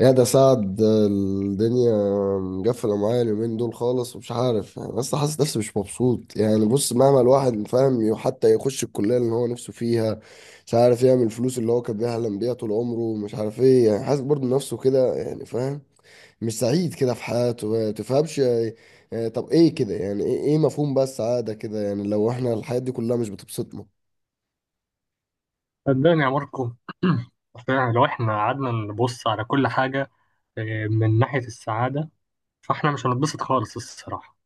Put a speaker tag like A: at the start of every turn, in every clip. A: يا ده سعد الدنيا مقفلة معايا اليومين دول خالص ومش عارف، يعني بس حاسس نفسي مش مبسوط. يعني بص، مهما الواحد فاهم، حتى يخش الكلية اللي هو نفسه فيها، مش عارف يعمل الفلوس اللي هو كان بيحلم بيها طول عمره، مش عارف ايه، يعني حاسس برضه نفسه كده، يعني فاهم، مش سعيد كده في حياته، ما تفهمش يعني. يعني طب ايه كده، يعني ايه، مفهوم بقى السعادة كده، يعني لو احنا الحياة دي كلها مش بتبسطنا.
B: صدقني يا ماركو فعلا لو احنا قعدنا نبص على كل حاجة من ناحية السعادة فاحنا مش هنتبسط خالص الصراحة.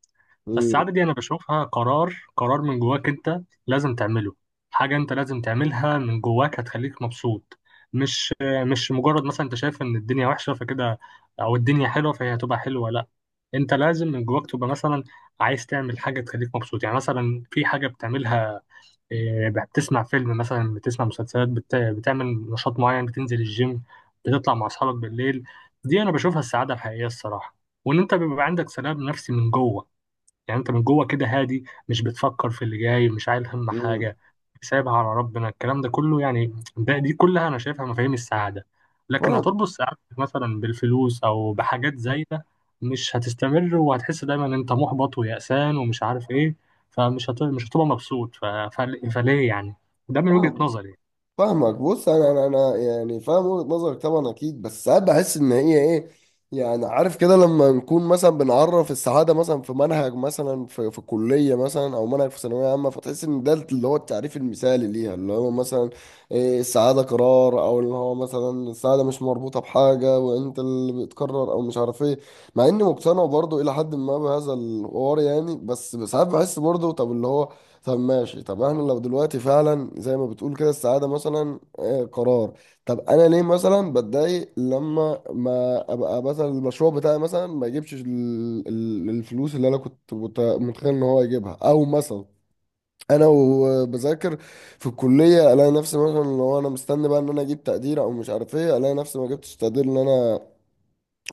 A: امم.
B: فالسعادة دي انا بشوفها قرار قرار من جواك. انت لازم تعمله، حاجة انت لازم تعملها من جواك هتخليك مبسوط. مش مجرد مثلا انت شايف ان الدنيا وحشة فكده، او الدنيا حلوة فهي هتبقى حلوة. لا، انت لازم من جواك تبقى مثلا عايز تعمل حاجة تخليك مبسوط. يعني مثلا في حاجة بتعملها، بتسمع فيلم، مثلا بتسمع مسلسلات، بتعمل نشاط معين، بتنزل الجيم، بتطلع مع اصحابك بالليل. دي انا بشوفها السعاده الحقيقيه الصراحه. وان انت بيبقى عندك سلام نفسي من جوه، يعني انت من جوه كده هادي، مش بتفكر في اللي جاي، مش عايل هم
A: امم.
B: حاجه، سايبها على ربنا. الكلام ده كله، يعني دي كلها انا شايفها مفاهيم السعاده. لكن هتربط سعادتك مثلا بالفلوس او بحاجات زايده، مش هتستمر، وهتحس دايما ان انت محبط ويأسان ومش عارف ايه. مش هتبقى مبسوط فليه يعني؟ ده من وجهة
A: فاهم.
B: نظري يعني.
A: فاهمك، بص انا يعني فاهم وجهة نظرك طبعا اكيد، بس ساعات بحس ان هي ايه، يعني عارف كده، لما نكون مثلا بنعرف السعاده مثلا في منهج، مثلا في كليه مثلا، او منهج في ثانويه عامه، فتحس ان ده اللي هو التعريف المثالي ليها، اللي هو مثلا السعاده قرار، او اللي هو مثلا السعاده مش مربوطه بحاجه، وانت اللي بتقرر او مش عارف ايه. مع اني مقتنع برضو الى حد ما بهذا الحوار، يعني بس ساعات بحس برضو طب اللي هو، طب ماشي، طب احنا لو دلوقتي فعلا زي ما بتقول كده، السعادة مثلا قرار، طب انا ليه مثلا بتضايق لما ما ابقى مثلا المشروع بتاعي مثلا ما يجيبش الفلوس اللي انا كنت متخيل ان هو يجيبها، او مثلا انا وبذاكر في الكلية، الاقي نفسي مثلا لو انا مستني بقى ان انا اجيب تقدير او مش عارف ايه، الاقي نفسي ما جبتش التقدير اللي انا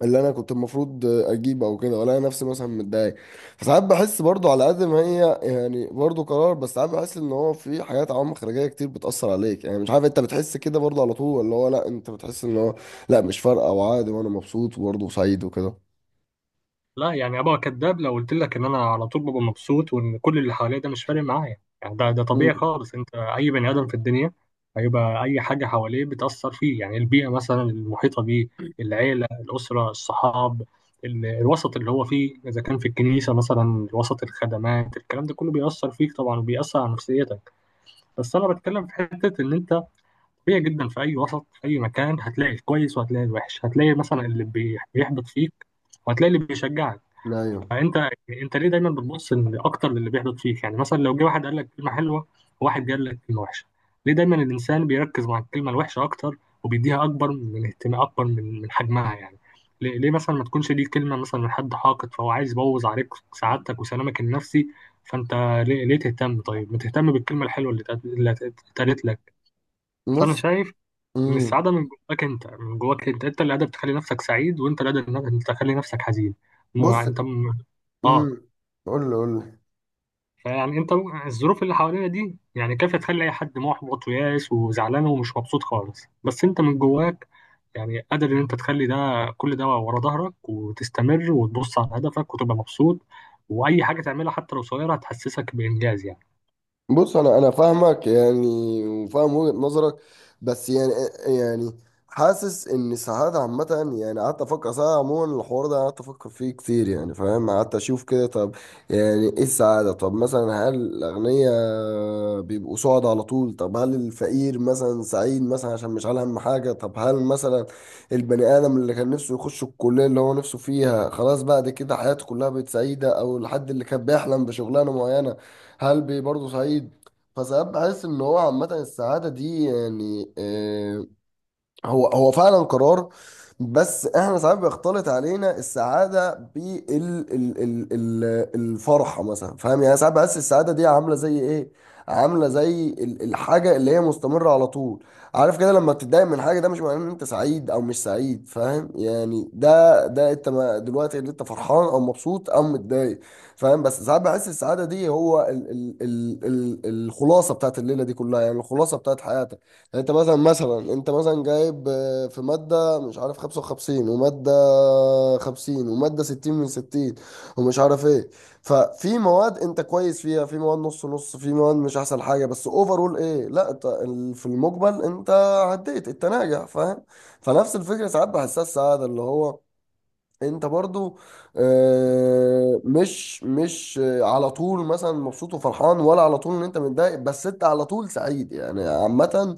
A: اللي انا كنت المفروض اجيبه، او كده، ولا انا نفسي مثلا متضايق. فساعات بحس برضو على قد ما هي يعني برضو قرار، بس ساعات بحس ان هو في حاجات، عوامل خارجيه كتير بتاثر عليك، يعني مش عارف انت بتحس كده برضو على طول، اللي هو لا انت بتحس ان هو لا مش فارقه وعادي وانا مبسوط وبرضو سعيد وكده.
B: لا، يعني ابقى كداب لو قلت لك ان انا على طول ببقى مبسوط وان كل اللي حواليا ده مش فارق معايا. يعني ده طبيعي
A: امم.
B: خالص، انت اي بني ادم في الدنيا هيبقى اي حاجه حواليه بتاثر فيه. يعني البيئه مثلا المحيطه بيه، العيله، الاسره، الصحاب، الوسط اللي هو فيه، اذا كان في الكنيسه مثلا وسط الخدمات، الكلام ده كله بيأثر فيك طبعا وبيأثر على نفسيتك. بس انا بتكلم في حته ان انت طبيعي جدا، في اي وسط في اي مكان هتلاقي الكويس وهتلاقي الوحش، هتلاقي مثلا اللي بيحبط فيك وهتلاقي اللي بيشجعك.
A: ايوه.
B: فانت يعني انت ليه دايما بتبص إن اكتر للي بيحدث فيك؟ يعني مثلا لو جه واحد قال لك كلمه حلوه وواحد قال لك كلمه وحشه، ليه دايما الانسان بيركز مع الكلمه الوحشه اكتر وبيديها اكبر من اهتمام، اكبر من حجمها يعني؟ ليه مثلا ما تكونش دي كلمه مثلا من حد حاقد فهو عايز يبوظ عليك سعادتك وسلامك النفسي؟ فانت ليه تهتم؟ طيب ما تهتم بالكلمه الحلوه اللي اتقالت لك. فانا
A: بص.
B: شايف ان
A: امم.
B: السعاده من جواك انت، من جواك انت اللي قادر تخلي نفسك سعيد وانت اللي قادر إنك تخلي نفسك حزين. مو- يعني
A: بص.
B: انت م-
A: امم.
B: اه
A: قول لي، قول لي.
B: فيعني الظروف اللي حوالينا دي يعني كافية تخلي اي حد محبط وياس وزعلان ومش مبسوط خالص، بس انت من جواك يعني قادر ان انت تخلي ده، كل ده ورا ظهرك، وتستمر وتبص على هدفك وتبقى مبسوط. واي حاجة تعملها حتى لو صغيرة هتحسسك بانجاز يعني.
A: بص انا فاهمك يعني، وفاهم وجهة نظرك، بس يعني، يعني حاسس ان ساعات عامة، يعني قعدت افكر ساعات، عموما الحوار ده قعدت افكر فيه كتير، يعني فاهم، قعدت اشوف كده طب، يعني ايه السعادة؟ طب مثلا هل الاغنياء بيبقوا سعد على طول؟ طب هل الفقير مثلا سعيد مثلا عشان مش على هم حاجة؟ طب هل مثلا البني ادم اللي كان نفسه يخش الكلية اللي هو نفسه فيها، خلاص بعد كده حياته كلها بقت سعيدة؟ او الحد اللي كان بيحلم بشغلانة معينة، هلبي برضه سعيد؟ فساعات بحس ان هو عامة السعادة دي يعني، هو فعلا قرار، بس احنا ساعات بيختلط علينا السعاده بال ال ال ال الفرحه مثلا، فاهم يعني، ساعات بحس السعاده دي عامله زي ايه، عامله زي الحاجه اللي هي مستمره على طول، عارف كده، لما بتتضايق من حاجه، ده مش معناه ان انت سعيد او مش سعيد، فاهم يعني، ده انت دلوقتي اللي انت فرحان او مبسوط او متضايق، فاهم، بس ساعات بحس السعاده دي هو ال الخلاصه بتاعت الليله دي كلها، يعني الخلاصه بتاعت حياتك، يعني انت مثلا، مثلا انت جايب في مادة مش عارف 55، ومادة 50، ومادة 60 من 60، ومش عارف ايه، ففي مواد انت كويس فيها، في مواد نص نص، في مواد مش احسن حاجة، بس اوفرول ايه، لا انت في المجمل انت عديت، انت ناجح، فاهم. فنفس الفكرة ساعات بحسها السعادة، اللي هو انت برضو مش على طول مثلا مبسوط وفرحان، ولا على طول ان انت متضايق، بس انت على طول سعيد، يعني عامة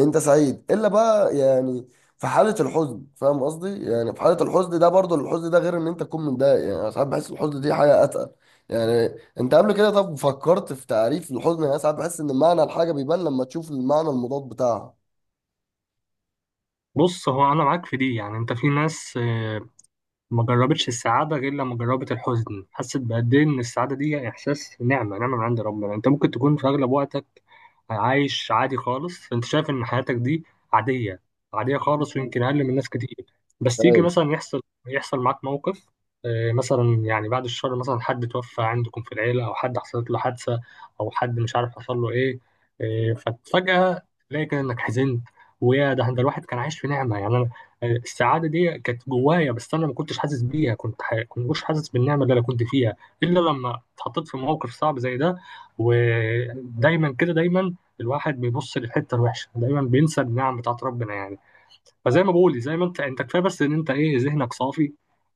A: انت سعيد، الا بقى يعني في حالة الحزن، فاهم قصدي، يعني في حالة الحزن ده برضو، الحزن ده غير ان انت تكون متضايق، يعني انا ساعات بحس الحزن دي حاجة اتقل، يعني انت قبل كده طب فكرت في تعريف الحزن؟ يعني أنا ساعات بحس ان معنى الحاجة بيبان لما تشوف المعنى المضاد بتاعها،
B: بص، هو انا معاك في دي. يعني انت في ناس ما جربتش السعادة غير لما جربت الحزن، حست بقد إيه إن السعادة دي إحساس، نعمة نعمة من عند ربنا. أنت ممكن تكون في أغلب وقتك عايش عادي خالص، أنت شايف إن حياتك دي عادية عادية خالص، ويمكن أقل من ناس كتير. بس يجي
A: فاهم.
B: مثلا يحصل معاك موقف، مثلا يعني بعد الشر مثلا حد توفى عندكم في العيلة أو حد حصلت له حادثة أو حد مش عارف حصل له إيه. ففجأة تلاقي كده إنك حزنت. ويا، ده الواحد كان عايش في نعمة يعني. السعاده دي كانت جوايا بس انا ما كنتش حاسس بيها. كنت مش حاسس بالنعمه اللي انا كنت فيها الا لما اتحطيت في موقف صعب زي ده. ودايما كده، دايما الواحد بيبص للحته الوحشه، دايما بينسى النعم بتاعت ربنا يعني. فزي ما بقول، زي ما انت كفايه بس ان انت ذهنك صافي،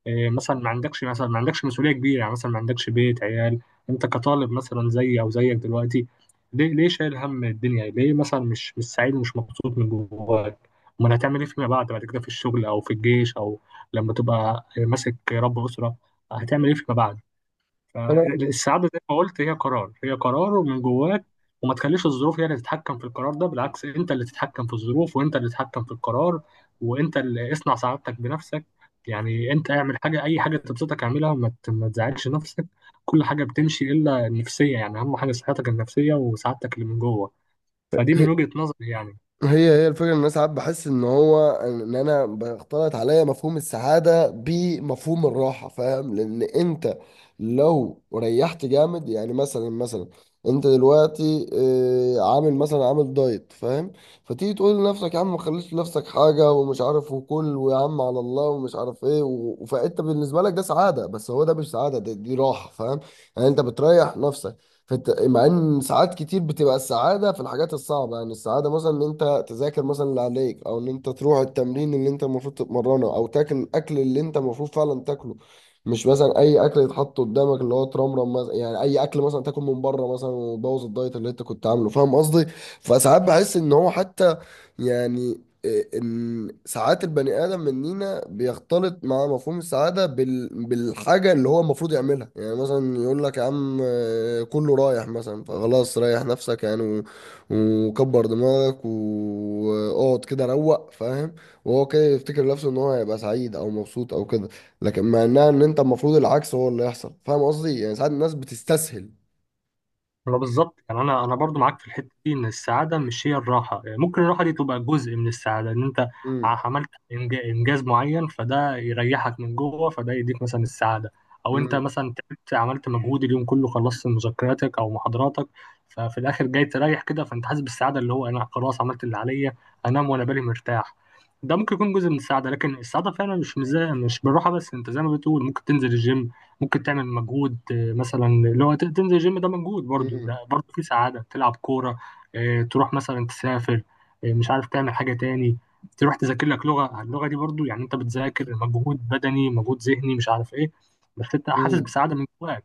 B: مثلا ما عندكش مسؤوليه كبيره. يعني مثلا ما عندكش بيت، عيال، انت كطالب مثلا زي او زيك دلوقتي. ليه شايل هم الدنيا؟ ليه مثلا مش سعيد ومش مبسوط من جواك؟ امال هتعمل ايه فيما بعد كده في الشغل او في الجيش، او لما تبقى ماسك رب اسره، هتعمل ايه فيما بعد؟ فالسعادة زي ما قلت هي قرار، هي قرار ومن جواك. وما تخليش الظروف هي اللي تتحكم في القرار ده، بالعكس، انت اللي تتحكم في الظروف وانت اللي تتحكم في القرار وانت اللي اصنع سعادتك بنفسك. يعني انت اعمل حاجة، اي حاجة تبسطك اعملها، ما تزعلش نفسك. كل حاجة بتمشي الا النفسية، يعني اهم حاجة صحتك النفسية وسعادتك اللي من جوه. فدي من
A: انا
B: وجهة نظري يعني.
A: هي هي الفكرة ان انا ساعات بحس ان هو ان انا بختلط عليا مفهوم السعادة بمفهوم الراحة، فاهم، لان انت لو ريحت جامد، يعني مثلا، مثلا انت دلوقتي عامل مثلا، عامل دايت، فاهم، فتيجي تقول لنفسك يا عم ما خليش لنفسك حاجة، ومش عارف، وكل ويا عم على الله، ومش عارف ايه، و... فانت بالنسبة لك ده سعادة، بس هو ده مش سعادة، ده دي راحة، فاهم، يعني انت بتريح نفسك، مع ان ساعات كتير بتبقى السعاده في الحاجات الصعبه، يعني السعاده مثلا ان انت تذاكر مثلا اللي عليك، او ان انت تروح التمرين اللي انت المفروض تتمرنه، او تاكل الاكل اللي انت المفروض فعلا تاكله، مش مثلا اي اكل يتحط قدامك اللي هو ترمرم مثلا، يعني اي اكل مثلا تاكل من بره مثلا، وتبوظ الدايت اللي انت كنت عامله، فاهم قصدي. فساعات بحس ان هو حتى، يعني ان ساعات البني ادم مننا بيختلط مع مفهوم السعاده بالحاجه اللي هو المفروض يعملها، يعني مثلا يقول لك يا عم كله رايح مثلا فخلاص ريح نفسك، يعني و... وكبر دماغك واقعد كده روق، فاهم، وهو كده يفتكر نفسه ان هو هيبقى سعيد او مبسوط او كده، لكن مع انها ان انت المفروض العكس هو اللي يحصل، فاهم قصدي، يعني ساعات الناس بتستسهل.
B: ما بالظبط. يعني انا برضو معاك في الحته دي ان السعاده مش هي الراحه. يعني ممكن الراحه دي تبقى جزء من السعاده، ان انت
A: امم.
B: عملت انجاز معين، فده يريحك من جوه، فده يديك مثلا السعاده. او انت
A: امم.
B: مثلا تعبت، عملت مجهود اليوم كله، خلصت مذكراتك او محاضراتك، ففي الاخر جاي تريح كده، فانت حاسس بالسعاده اللي هو انا خلاص عملت اللي عليا، انام وانا بالي مرتاح. ده ممكن يكون جزء من السعاده، لكن السعاده فعلا مش بالراحه بس. انت زي ما بتقول ممكن تنزل الجيم، ممكن تعمل مجهود، مثلا اللي هو تنزل الجيم ده مجهود برضو، ده
A: امم.
B: برضو في سعادة، تلعب كورة، تروح مثلا تسافر، مش عارف تعمل حاجة تاني، تروح تذاكر لك اللغة دي برضو يعني انت بتذاكر، مجهود بدني، مجهود ذهني مش عارف ايه، بس انت حاسس بسعادة من جواك.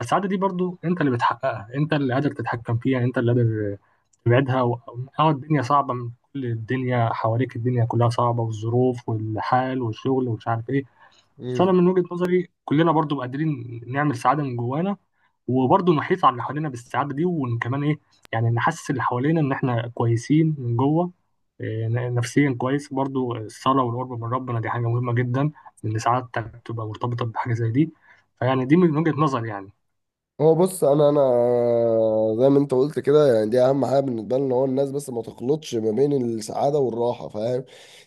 B: فالسعادة دي برضو انت اللي بتحققها، انت اللي قادر تتحكم فيها، انت اللي قادر تبعدها. الدنيا صعبة من كل الدنيا حواليك، الدنيا كلها صعبة، والظروف والحال والشغل ومش عارف ايه. بس انا
A: امم.
B: من وجهة نظري كلنا برضو قادرين نعمل سعادة من جوانا، وبرضو نحيط على اللي حوالينا بالسعادة دي. وكمان ايه؟ يعني نحسس اللي حوالينا ان احنا كويسين من جوه، نفسيا كويس. برضو الصلاة والقرب من ربنا دي حاجة مهمة جدا، ان سعادتك تبقى مرتبطة بحاجة زي دي. فيعني دي من وجهة نظري يعني.
A: هو بص انا، زي ما انت قلت كده، يعني دي اهم حاجه بالنسبه لنا، هو الناس بس ما تخلطش ما بين السعاده والراحه، فاهم،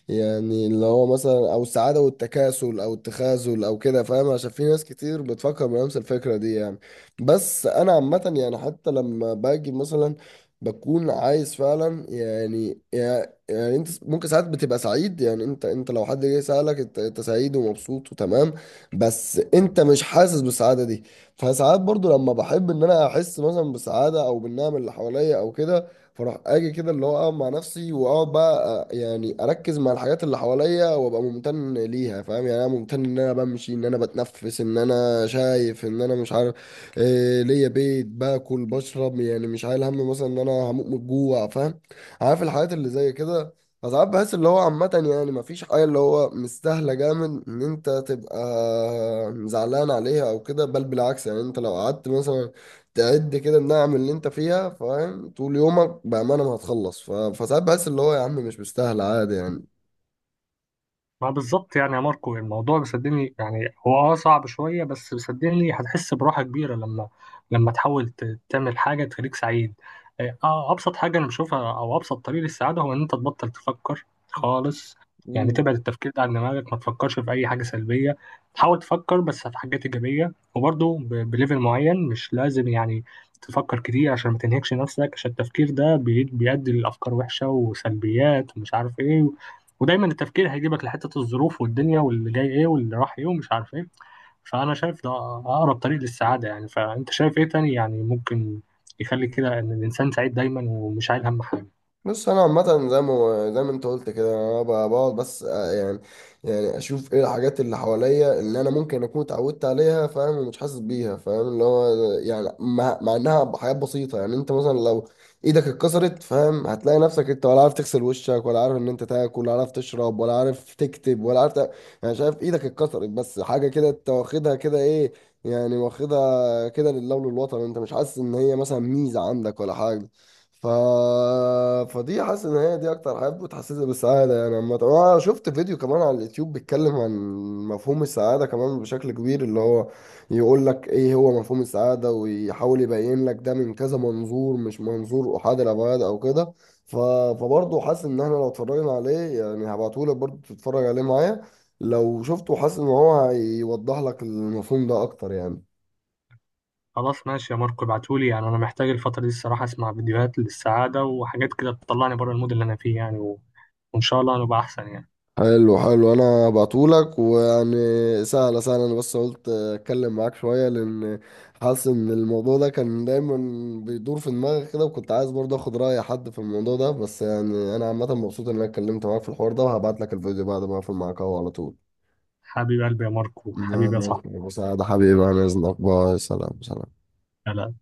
A: يعني اللي هو مثلا، او السعاده والتكاسل او التخاذل او كده، فاهم، عشان في ناس كتير بتفكر بنفس الفكره دي، يعني بس انا عامه، يعني حتى لما باجي مثلا بكون عايز فعلا، يعني يعني انت ممكن ساعات بتبقى سعيد، يعني انت لو حد جه سألك انت، أنت سعيد ومبسوط وتمام، بس انت مش حاسس بالسعاده دي. فساعات برضو لما بحب ان انا احس مثلا بسعاده، او بالنعم اللي حواليا او كده، فاروح اجي كده اللي هو اقعد مع نفسي، واقعد بقى يعني اركز مع الحاجات اللي حواليا، وابقى ممتن ليها، فاهم، يعني انا ممتن ان انا بمشي، ان انا بتنفس، ان انا شايف، ان انا مش عارف ليا بيت، باكل بشرب، يعني مش عايل هم مثلا ان انا هموت من الجوع، فاهم، عارف الحاجات اللي زي كده. فساعات بحس اللي هو عامة يعني مفيش حاجة اللي هو مستاهلة جامد إن أنت تبقى زعلان عليها أو كده، بل بالعكس، يعني أنت لو قعدت مثلا تعد كده النعم اللي أنت فيها، فاهم، طول يومك بأمانة ما هتخلص، فساعات بحس اللي هو يا عم مش مستاهلة، عادي
B: ما بالظبط. يعني يا ماركو الموضوع، بيصدقني يعني هو صعب شوية، بس بيصدقني هتحس براحة كبيرة لما، تحاول تعمل حاجة تخليك سعيد. إيه، اه أبسط حاجة أنا بشوفها أو أبسط طريق للسعادة هو إن أنت تبطل تفكر خالص. يعني
A: يعني.
B: تبعد التفكير ده عن دماغك، ما تفكرش في أي حاجة سلبية، تحاول تفكر بس في حاجات إيجابية. وبرضه بليفل معين، مش لازم يعني تفكر كتير عشان ما تنهكش نفسك، عشان التفكير ده بيؤدي لأفكار وحشة وسلبيات ومش عارف إيه. ودايما التفكير هيجيبك لحتة الظروف والدنيا واللي جاي ايه واللي راح ايه ومش عارف ايه. فأنا شايف ده أقرب طريق للسعادة يعني. فأنت شايف ايه تاني يعني ممكن يخلي كده إن الإنسان سعيد دايما ومش عايل هم حاجة؟
A: بص انا عامه، زي ما انت قلت كده، انا بقعد بس يعني، يعني اشوف ايه الحاجات اللي حواليا اللي انا ممكن اكون اتعودت عليها، فاهم، ومش حاسس بيها، فاهم، اللي هو يعني مع انها حاجات بسيطه، يعني انت مثلا لو ايدك اتكسرت، فاهم، هتلاقي نفسك انت ولا عارف تغسل وشك، ولا عارف ان انت تاكل، ولا عارف تشرب، ولا عارف تكتب، ولا عارف يعني شايف، ايدك اتكسرت بس حاجه كده انت واخدها كده ايه، يعني واخدها كده لله وللوطن، انت مش حاسس ان هي مثلا ميزه عندك، ولا حاجه. ف... فدي حاسس ان هي دي اكتر حاجه بتحسسني بالسعاده، يعني عامه انا شفت فيديو كمان على اليوتيوب بيتكلم عن مفهوم السعاده كمان بشكل كبير، اللي هو يقول لك ايه هو مفهوم السعاده، ويحاول يبين لك ده من كذا منظور، مش منظور احاد الابعاد او كده. ف... فبرضه حاسس ان احنا لو اتفرجنا عليه، يعني هبعته لك برضه تتفرج عليه معايا، لو شفته حاسس ان هو هيوضح لك المفهوم ده اكتر يعني.
B: خلاص ماشي يا ماركو، ابعتولي. يعني أنا محتاج الفترة دي الصراحة أسمع فيديوهات للسعادة وحاجات كده تطلعني بره المود اللي أنا فيه يعني، وإن شاء الله هنبقى أحسن يعني.
A: حلو حلو، انا بعتهولك، ويعني سهله سهله، انا بس قلت اتكلم معاك شويه، لان حاسس ان الموضوع ده كان دايما بيدور في دماغي كده، وكنت عايز برضه اخد راي حد في الموضوع ده، بس يعني انا عامه مبسوط ان انا اتكلمت معاك في الحوار ده، وهبعت لك الفيديو بعد ما اقفل معاك اهو على طول.
B: حبيب قلبي يا ماركو، حبيبي يا صاحبي.
A: ماشي، بس ده حبيبي، انا اذنك، باي، سلام سلام.
B: لا، لا.